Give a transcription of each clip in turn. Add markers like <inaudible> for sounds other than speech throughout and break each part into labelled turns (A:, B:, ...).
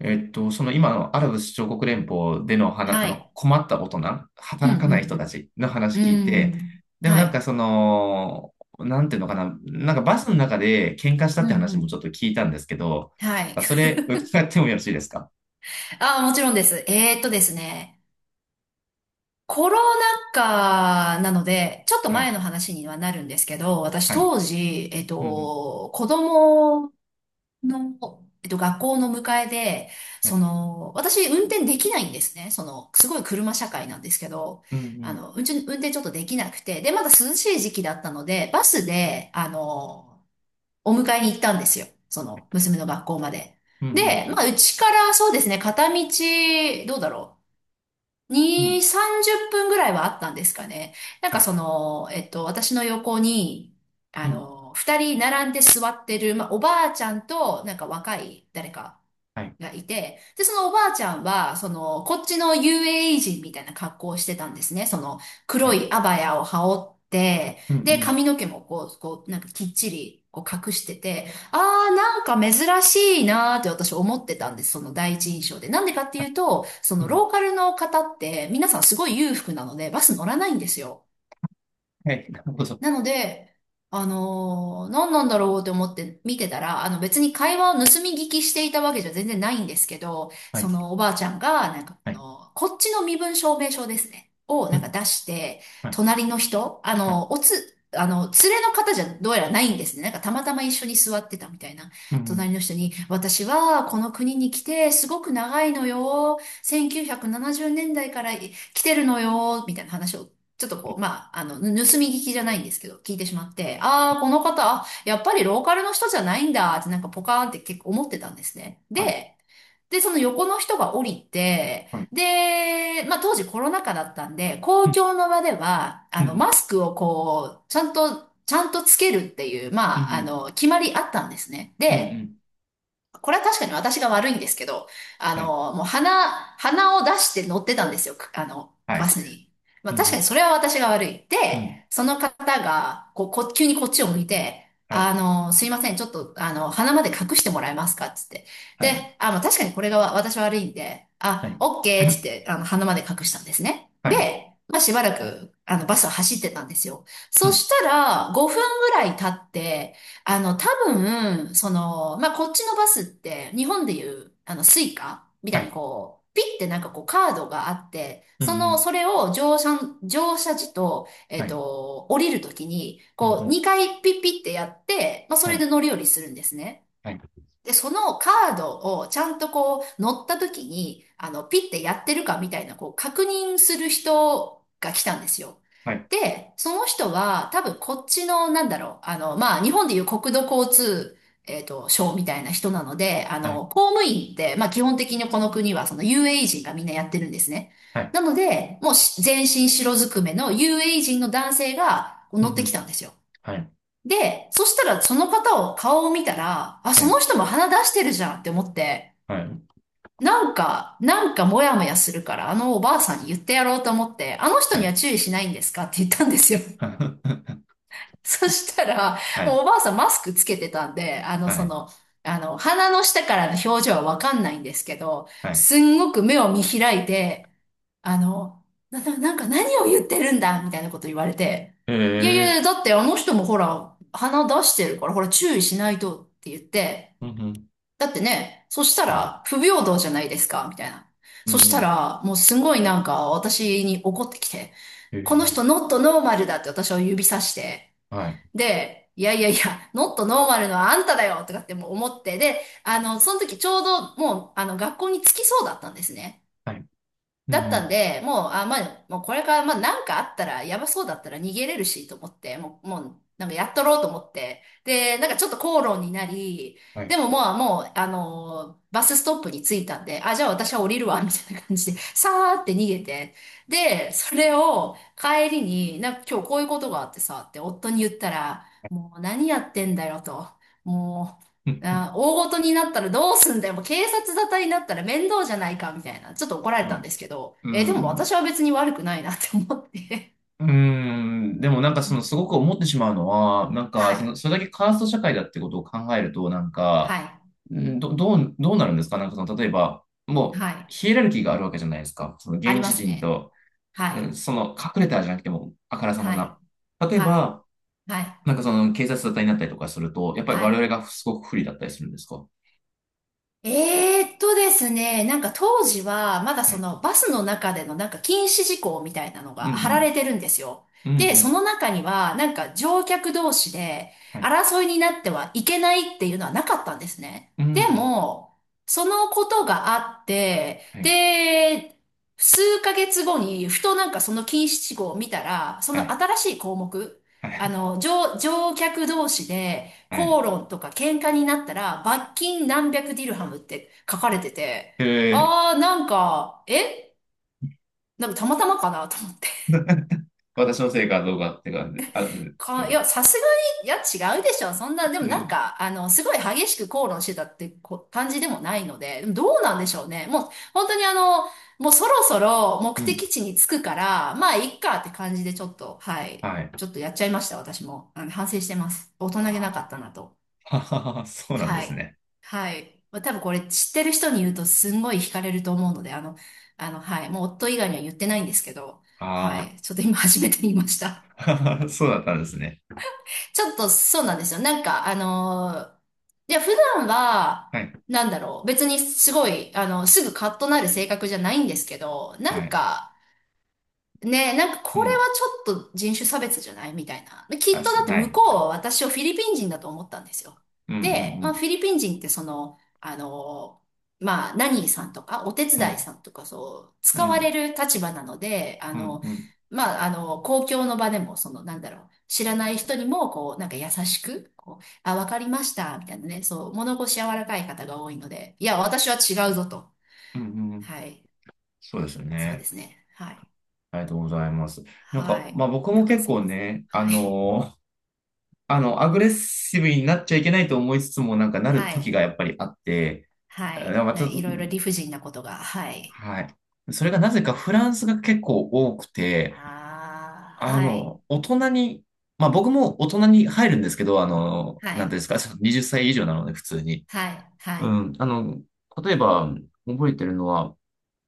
A: その今のアラブ首長国連邦での
B: は
A: あの
B: い。
A: 困った大人、
B: うん、
A: 働
B: う
A: かない人た
B: ん、
A: ちの
B: う
A: 話聞い
B: ん。う
A: て、
B: ん。
A: でも
B: は
A: なんか
B: い。
A: その、なんていうのかな、なんかバスの中で喧嘩した
B: う
A: っ
B: ん、
A: て
B: う
A: 話もち
B: ん。
A: ょっと聞いたんですけど、
B: はい。
A: なんかそれ伺ってもよろしいですか？
B: ああ、もちろんです。コロナ禍なので、ちょっと
A: は
B: 前
A: い。
B: の話にはなるんですけど、私
A: はい。
B: 当時、
A: うんうん。
B: 子供の、学校の迎えで、
A: はい。
B: その、私運転できないんですね。その、すごい車社会なんですけど、
A: うんうん。
B: 運転ちょっとできなくて、で、まだ涼しい時期だったので、バスで、お迎えに行ったんですよ。その、娘の学校まで。
A: うんうん。
B: で、まあ、うちからそうですね、片道、どうだろう。
A: う
B: 2、
A: ん。
B: 30分ぐらいはあったんですかね。なん
A: は
B: か
A: い。
B: その、私の横に、
A: うん。
B: 二人並んで座ってる、まあ、おばあちゃんと、なんか若い誰か
A: はい。
B: がいて、で、そのおばあちゃんは、その、こっちの UAE 人みたいな格好をしてたんですね。その、
A: は
B: 黒
A: い。
B: いアバヤを羽織って、
A: うんう
B: で、
A: ん
B: 髪の毛もこう、なんかきっちり、こう隠してて、なんか珍しいなーって私思ってたんです。その第一印象で。なんでかっていうと、そ
A: う
B: の
A: ん。
B: ローカルの方って、皆さんすごい裕福なので、バス乗らないんですよ。
A: はい。なるほど。
B: なので、何なんだろうって思って見てたら、あの別に会話を盗み聞きしていたわけじゃ全然ないんですけど、
A: は
B: そ
A: い。
B: のおばあちゃんが、なんかこ
A: はい。
B: の、こっちの身分証明書ですね、を
A: う
B: なんか
A: ん。
B: 出して、
A: はい。
B: 隣の人、あ
A: はい。
B: の、おつ、あの、連れの方じゃどうやらないんですね。なんかたまたま一緒に座ってたみたいな。
A: うんう
B: 隣
A: ん。
B: の人に、私はこの国に来てすごく長いのよ。1970年代から来てるのよ、みたいな話をちょっとこう、まあ、盗み聞きじゃないんですけど、聞いてしまって、ああ、この方、やっぱりローカルの人じゃないんだってなんかポカーンって結構思ってたんですね。
A: はい。
B: で、その横の人が降りて、
A: はい。
B: で、まあ、当時コロナ禍だったんで、公
A: うん
B: 共の場では、
A: うん。
B: マスクをこう、ちゃんとつけるっていう、
A: うん
B: まあ、
A: うん。
B: 決まりあったんですね。
A: うんう
B: で、
A: ん。
B: これは確かに私が悪いんですけど、
A: はい
B: もう鼻を出して乗ってたんですよ、
A: は
B: バ
A: い。
B: スに。まあ
A: う
B: 確か
A: ん。
B: にそれは私が悪い。で、
A: うん。
B: その方が、こう、急にこっちを向いて、
A: はい。
B: すいません、ちょっと、鼻まで隠してもらえますかっつって。
A: はい。
B: で、あ、まあ確かにこれがわ私悪いんで、
A: は
B: あ、
A: い。
B: オッケーっつって、
A: <laughs>
B: 鼻まで隠したんですね。
A: <clears throat> はい。
B: で、まあしばらく、バスは走ってたんですよ。
A: う
B: そ
A: ん。
B: したら、5分ぐらい経って、多分、その、まあ、こっちのバスって、日本でいう、スイカみ
A: は
B: たいに
A: い。
B: こう、ピッてなんかこうカードがあって、
A: うん。う
B: その、
A: ん。
B: それを乗車時と、
A: はい。
B: 降りるときに、
A: うん。う
B: こう、
A: ん。
B: 2回ピッピッてやって、まあ、そ
A: は
B: れ
A: い。
B: で乗り降りするんですね。
A: はい。
B: で、そのカードをちゃんとこう乗った時に、ピッてやってるかみたいな、こう確認する人が来たんですよ。
A: はい。
B: で、その人は多分こっちの、なんだろう、まあ、日本でいう国土交通、省みたいな人なので、
A: はい。
B: 公務員って、まあ、基本的にこの国はその UAE 人がみんなやってるんですね。
A: はい。
B: なので、もうし全身白ずくめの u a 人の男性がこう
A: う
B: 乗っ
A: ん。う
B: てき
A: ん。
B: たんですよ。
A: はい。
B: で、そしたらその方を顔を見たら、あ、
A: は
B: その
A: い。
B: 人も鼻出してるじゃんって思って、
A: はい。
B: なんかモヤモヤするから、あのおばあさんに言ってやろうと思って、あの人
A: は
B: に
A: い。
B: は注意しないんですかって言ったんですよ。<laughs>
A: <laughs>
B: そしたら、
A: は
B: もう
A: い。
B: おばあさんマスクつけてたんで、
A: はい。
B: 鼻の下からの表情はわかんないんですけど、
A: はい。
B: すんごく目を見開いて、あの、ななんか何を言ってるんだみたいなこと言われて、
A: へ
B: いやいや、
A: え。
B: だってあの人もほら、鼻出してるから、ほら注意しないとって言って、
A: うん。うん。
B: だってね、そした
A: はい。
B: ら不平等じゃないですかみたいな。
A: うん
B: そ
A: う
B: した
A: ん。
B: ら、もうすごいなんか私に怒ってきて、
A: へ
B: この
A: え。
B: 人ノットノーマルだって私を指さして、
A: はい。
B: で、いやいやいや、ノットノーマルのはあんただよとかってもう思って、で、その時ちょうどもう、学校に着きそうだったんですね。
A: はい。うん。う
B: だったん
A: ん。
B: で、もう、あ、まあ、もうこれから、まあ、なんかあったら、やばそうだったら逃げれるし、と思って、もう、なんかやっとろうと思って。で、なんかちょっと口論になり、
A: はい。
B: でもまあ、もう、バスストップに着いたんで、あ、じゃあ私は降りるわ、みたいな感じで、さーって逃げて。で、それを帰りに、なんか今日こういうことがあってさ、って夫に言ったら、もう何やってんだよ、と。も
A: うん。
B: あー、大事になったらどうすんだよ。もう警察沙汰になったら面倒じゃないか、みたいな。ちょっと怒られ
A: う
B: たんで
A: ん。
B: すけど、
A: う
B: えーでも
A: ん。
B: 私は別に悪くないなって思って。
A: うーん、でもなんかそのすご
B: <laughs>
A: く思ってしまうのは、なん
B: は
A: かそ
B: い。
A: の、それだけカースト社会だってことを考えると、なん
B: は
A: か、
B: い。
A: うん、どうなるんですか。なんかその、例えば、もう、
B: はい。
A: ヒエラルキーがあるわけじゃないですか。その
B: あり
A: 現
B: ま
A: 地
B: す
A: 人
B: ね。
A: と、
B: は
A: うん、
B: い。
A: その隠れたじゃなくても、あからさま
B: はい。
A: な。例え
B: はい。
A: ば、
B: はい。
A: なんかその警察沙汰になったりとかすると、やっぱり
B: は
A: 我
B: い。
A: 々がすごく不利だったりするんですか？
B: ですね、なんか当時は、まだ
A: は
B: そ
A: い。
B: のバスの中でのなんか禁止事項みたいなの
A: う
B: が
A: ん
B: 貼られてるんですよ。
A: うん。うんう
B: で、そ
A: ん。
B: の中には、なんか乗客同士で
A: はい。
B: 争いになってはいけないっていうのはなかったんですね。
A: うんう
B: で
A: ん。
B: も、そのことがあって、
A: はい。
B: で、数ヶ月後に、ふとなんかその禁止事項を見たら、そ
A: は
B: の
A: い。
B: 新しい項目、
A: はい。
B: 乗客同士で、
A: はい。
B: 口論とか喧嘩になったら、罰金何百ディルハムって書かれてて、
A: へえ。
B: あー、なんか、えなんかたまたまかなと思って。
A: 私のせいかどうかって感じ、あ、ですよ
B: い
A: ね。
B: や、さすがに、いや、違うでしょ。そんな、で
A: う
B: もなん
A: ん。
B: か、すごい激しく口論してたってこ感じでもないので、でもどうなんでしょうね。もう、本当にもうそろそろ目
A: うん。
B: 的地に着くから、まあ、いっかって感じでちょっと、はい。
A: はい。
B: ちょっとやっちゃいました、私も。反省してます。大人げなか
A: あ
B: ったなと。
A: あ、<laughs> そうなんで
B: は
A: す
B: い。
A: ね。
B: はい。まあ、多分これ知ってる人に言うとすんごい惹かれると思うので、はい。もう夫以外には言ってないんですけど、は
A: あ
B: い。ちょっと今初めて言いました。<laughs>
A: あ、<laughs> そうだったんですね。
B: ちょっとそうなんですよ。なんか、いや、普段は、
A: はい。
B: なんだろう。別にすごい、すぐカッとなる性格じゃないんですけど、な
A: は
B: ん
A: い。
B: か、ねえ、なんか
A: う
B: これは
A: ん。
B: ちょっと人種差別じゃないみたいな。で、き
A: あ、
B: っとだって
A: は
B: 向
A: い。
B: こうは私をフィリピン人だと思ったんですよ。
A: うん、う
B: で、まあ
A: ん、
B: フィリピン人ってその、まあナニーさんとかお手
A: うん。う
B: 伝い
A: ん、
B: さんとかそう、使
A: う
B: われ
A: ん、
B: る立場なので、
A: うん、うん、
B: まあ公共の場でもその、なんだろう、知らない人にもこう、なんか優しく、こう、あ、わかりました、みたいなね、そう、物腰柔らかい方が多いので、いや、私は違うぞと。
A: うん。うん。
B: はい、
A: そうですよ
B: そうで
A: ね。
B: すね。はい。
A: ありがとうございます。なんか、
B: はい。
A: まあ僕
B: な
A: も
B: んか
A: 結
B: すい
A: 構
B: ません。
A: ね、
B: はい。
A: <laughs> アグレッシブになっちゃいけないと思いつつも、なんか
B: <laughs>
A: なる
B: は
A: 時
B: い。
A: がやっぱりあって、
B: はい。
A: まあち
B: な、
A: ょっ
B: い
A: と、
B: ろいろ理不尽なことが。はい。
A: はい。それがなぜかフランスが結構多くて、
B: ああ、はい。
A: 大人に、まあ僕も大人に入るんですけど、
B: は
A: なんてい
B: い。
A: うんですか、その20歳以上なので普通に。
B: はい。は
A: う
B: い。
A: ん、例えば覚えてるのは、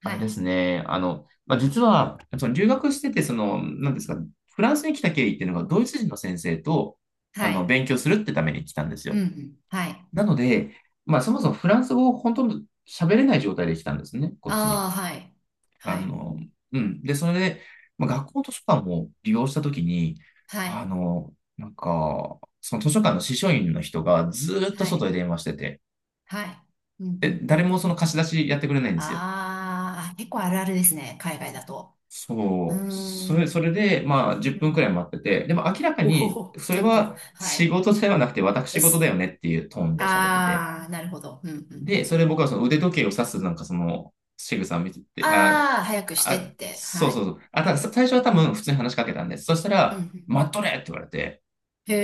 A: あ
B: は
A: れで
B: い。
A: すね、まあ実は、その留学してて、その、なんていうんですか、フランスに来た経緯っていうのがドイツ人の先生と、
B: はい。
A: 勉強するってために来たんです
B: うん。
A: よ。
B: うん、はい。
A: なので、まあそもそもフランス語を本当に喋れない状態で来たんですね、こっちに。
B: ああ、はい。
A: あ
B: はい。
A: の、うん。で、それで、まあ、学校図書館を利用したときに、
B: はい。
A: なんか、その図書館の司書員の人がずーっと
B: は
A: 外
B: い。
A: で電話してて、
B: はい。うん。う
A: で、
B: ん。う
A: 誰
B: ん、
A: もその貸し出しやってくれないんですよ。
B: ああ、結構あるあるですね。海外だと。うー
A: そう。それ、そ
B: ん。
A: れで、まあ、10
B: う
A: 分く
B: ん、
A: らい待ってて、でも明らか
B: お
A: に、
B: お、<laughs>
A: それ
B: 結構。
A: は
B: は
A: 仕
B: い。
A: 事ではなくて
B: で
A: 私事だ
B: す。
A: よねっていうトーンで喋ってて、
B: ああ、なるほど。うん。うん。う
A: で、
B: ん。
A: それ僕はその腕時計を指すなんかその仕草を見てて、
B: ああ、早くしてって。
A: そ
B: は
A: う
B: い。
A: そうそう。あ、たださ最初は多分普通に話しかけたんです。そした
B: うん、う
A: ら、
B: ん、
A: 待っとれって言われて、
B: へ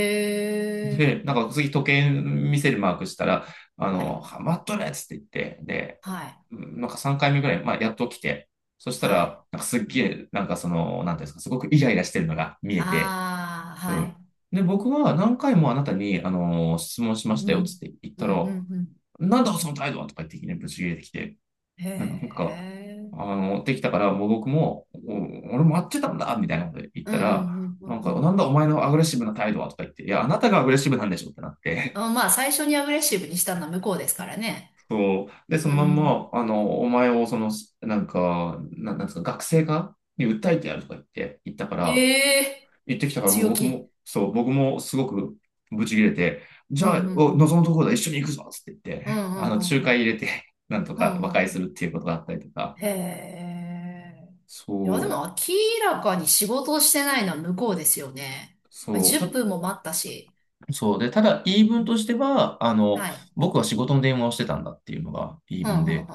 B: え。
A: で、なんか次時計見せるマークしたら、
B: はい。
A: 待っとれっつって言って、で、
B: はい。
A: うん、なんか3回目ぐらい、まあやっと来て、そした
B: はい。
A: ら、なんかすっげえ、なんかその、なんていうんですか、すごくイライラしてるのが見えて、
B: ああ、
A: う
B: は
A: ん。
B: い。
A: で、僕は何回もあなたに、質問しまし
B: う
A: たよっつっ
B: ん。
A: て言っ
B: う
A: た
B: ん、う
A: ら、
B: ん、う
A: なんだその態度はとか言っていきなりぶち切れてきて、
B: ん。へ
A: なんか、
B: え。
A: できたから、もう僕も、俺も会ってたんだ、みたいなこと言っ
B: う
A: た
B: ん、う
A: ら、
B: ん、うん、う
A: な
B: ん。
A: ん
B: う
A: か、なん
B: ん、
A: だお前のアグレッシブな態度はとか言って、いや、あなたがアグレッシブなんでしょってなって、
B: あ、まあ、最初にアグレッシブにしたのは向こうですからね。
A: <laughs> そう。で、そ
B: う
A: のまん
B: ん。
A: ま、お前を、その、なんか、なんなんですか、学生化に訴えてやるとか言って、言ったから、
B: へえ。
A: 言ってきたから、もう
B: 強
A: 僕
B: 気。
A: も、そう、僕もすごくブチ切れて、じ
B: うん、う
A: ゃ
B: ん、
A: あ、
B: う
A: お
B: ん。
A: 望むところだ、一緒に行くぞつって言っ
B: うん、
A: て、<laughs>
B: うん、う
A: 仲
B: ん、う
A: 介入
B: ん。
A: れて、なんと
B: うん、う
A: か和
B: ん、
A: 解
B: う
A: す
B: ん、
A: るっていうことがあったりとか、
B: へえ。いや、で
A: そう。
B: も明らかに仕事をしてないのは向こうですよね。
A: そう。
B: 10分も待ったし。
A: そうで、ただ言い分としては、
B: はい。
A: 僕は仕事の電話をしてたんだっていうのが言い
B: う
A: 分
B: ん、うん、
A: で、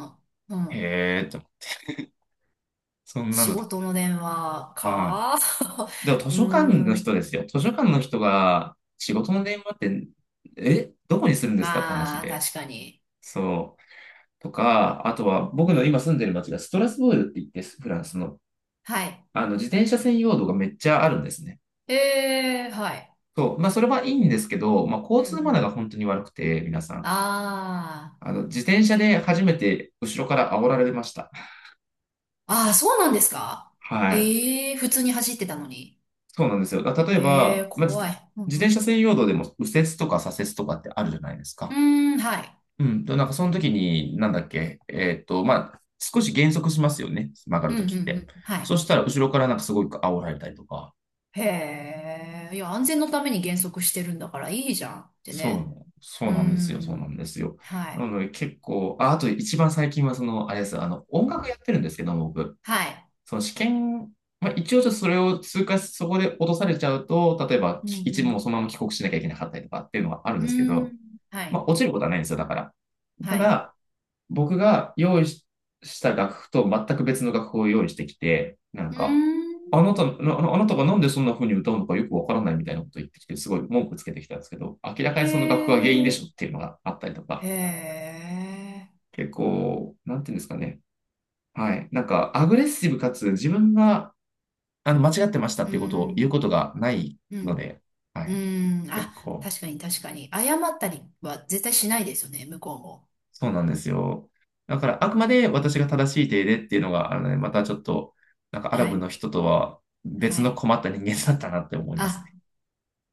B: うん。うん。
A: へえと、そんな
B: 仕
A: のと、
B: 事の電話
A: は
B: か。
A: い。でも
B: <laughs>
A: 図
B: うー
A: 書館の
B: ん。
A: 人ですよ。図書館の人が仕事の電話って、え、どこにするんですかって話
B: まあ、
A: で、
B: 確かに。
A: そう。とか、あとは
B: う
A: 僕の
B: ん。
A: 今住んでる町がストラスブールって言って、フランスの、
B: はい。
A: 自転車専用道がめっちゃあるんですね。
B: ええ、はい。
A: そう。まあ、それはいいんですけど、まあ、
B: う
A: 交
B: ん、う
A: 通マナー
B: ん。
A: が本当に悪くて、皆さん。
B: あ
A: 自転車で初めて後ろから煽られました。
B: あ。ああ、そうなんですか。
A: はい。
B: ええ、普通に走ってたのに。
A: そうなんですよ。例え
B: ええ、
A: ば、まあ、自
B: 怖い。う
A: 自転
B: ん、
A: 車専用道でも右折とか左折とかってあるじゃないです
B: う
A: か。
B: ん。うーん、はい。
A: うん。と、なんかその時に、なんだっけ、まあ、少し減速しますよね。曲が
B: う
A: る
B: ん、うん、う
A: 時って。
B: ん。
A: そ
B: は
A: したら、後ろからなんかすごい煽られたりとか。
B: い。へえ。いや、安全のために減速してるんだからいいじゃんって
A: そ
B: ね。
A: う、そ
B: う
A: う
B: ー
A: なんですよ。そうなん
B: ん。
A: ですよ。
B: は
A: な
B: い。
A: ので結構、あ、あと一番最近はその、あれです。音楽やってるんですけど、僕。
B: はい。
A: その試験、まあ、一応ちょっとそれを通過し、そこで落とされちゃうと、例えば
B: う
A: 一部も
B: ん、
A: そのまま帰国しなきゃいけなかったりとかっていうのはあるん
B: う
A: ですけ
B: ん。うー
A: ど、
B: ん。は
A: ま
B: い。
A: あ、落ちることはないんですよ、だから。
B: は
A: た
B: い。
A: だ、僕が用意した楽譜と全く別の楽譜を用意してきて、なん
B: うー
A: か、あ
B: ん。
A: なた、なあのあなたがなんでそんな風に歌うのかよくわからないみたいなこと言ってきて、すごい文句つけてきたんですけど、明ら
B: へ
A: かにその楽譜が原因でし
B: え、
A: ょっていうのがあったりと
B: へ
A: か、
B: え、
A: 結構、なんていうんですかね。はい。なんか、アグレッシブかつ自分が間違ってました
B: う
A: っていうことを言う
B: ん、
A: ことがない
B: う
A: の
B: ん、
A: で、は
B: う
A: い。
B: ん、
A: 結
B: あ、
A: 構、
B: 確かに確かに。謝ったりは絶対しないですよね、向こうも。
A: そうなんですよ。だから、あくまで私が正しい手でっていうのが、あのね、またちょっと、なんかアラ
B: は
A: ブの
B: い、
A: 人とは
B: は
A: 別の
B: い。
A: 困った人間だったなって思います
B: あ、
A: ね。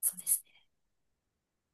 B: そうです。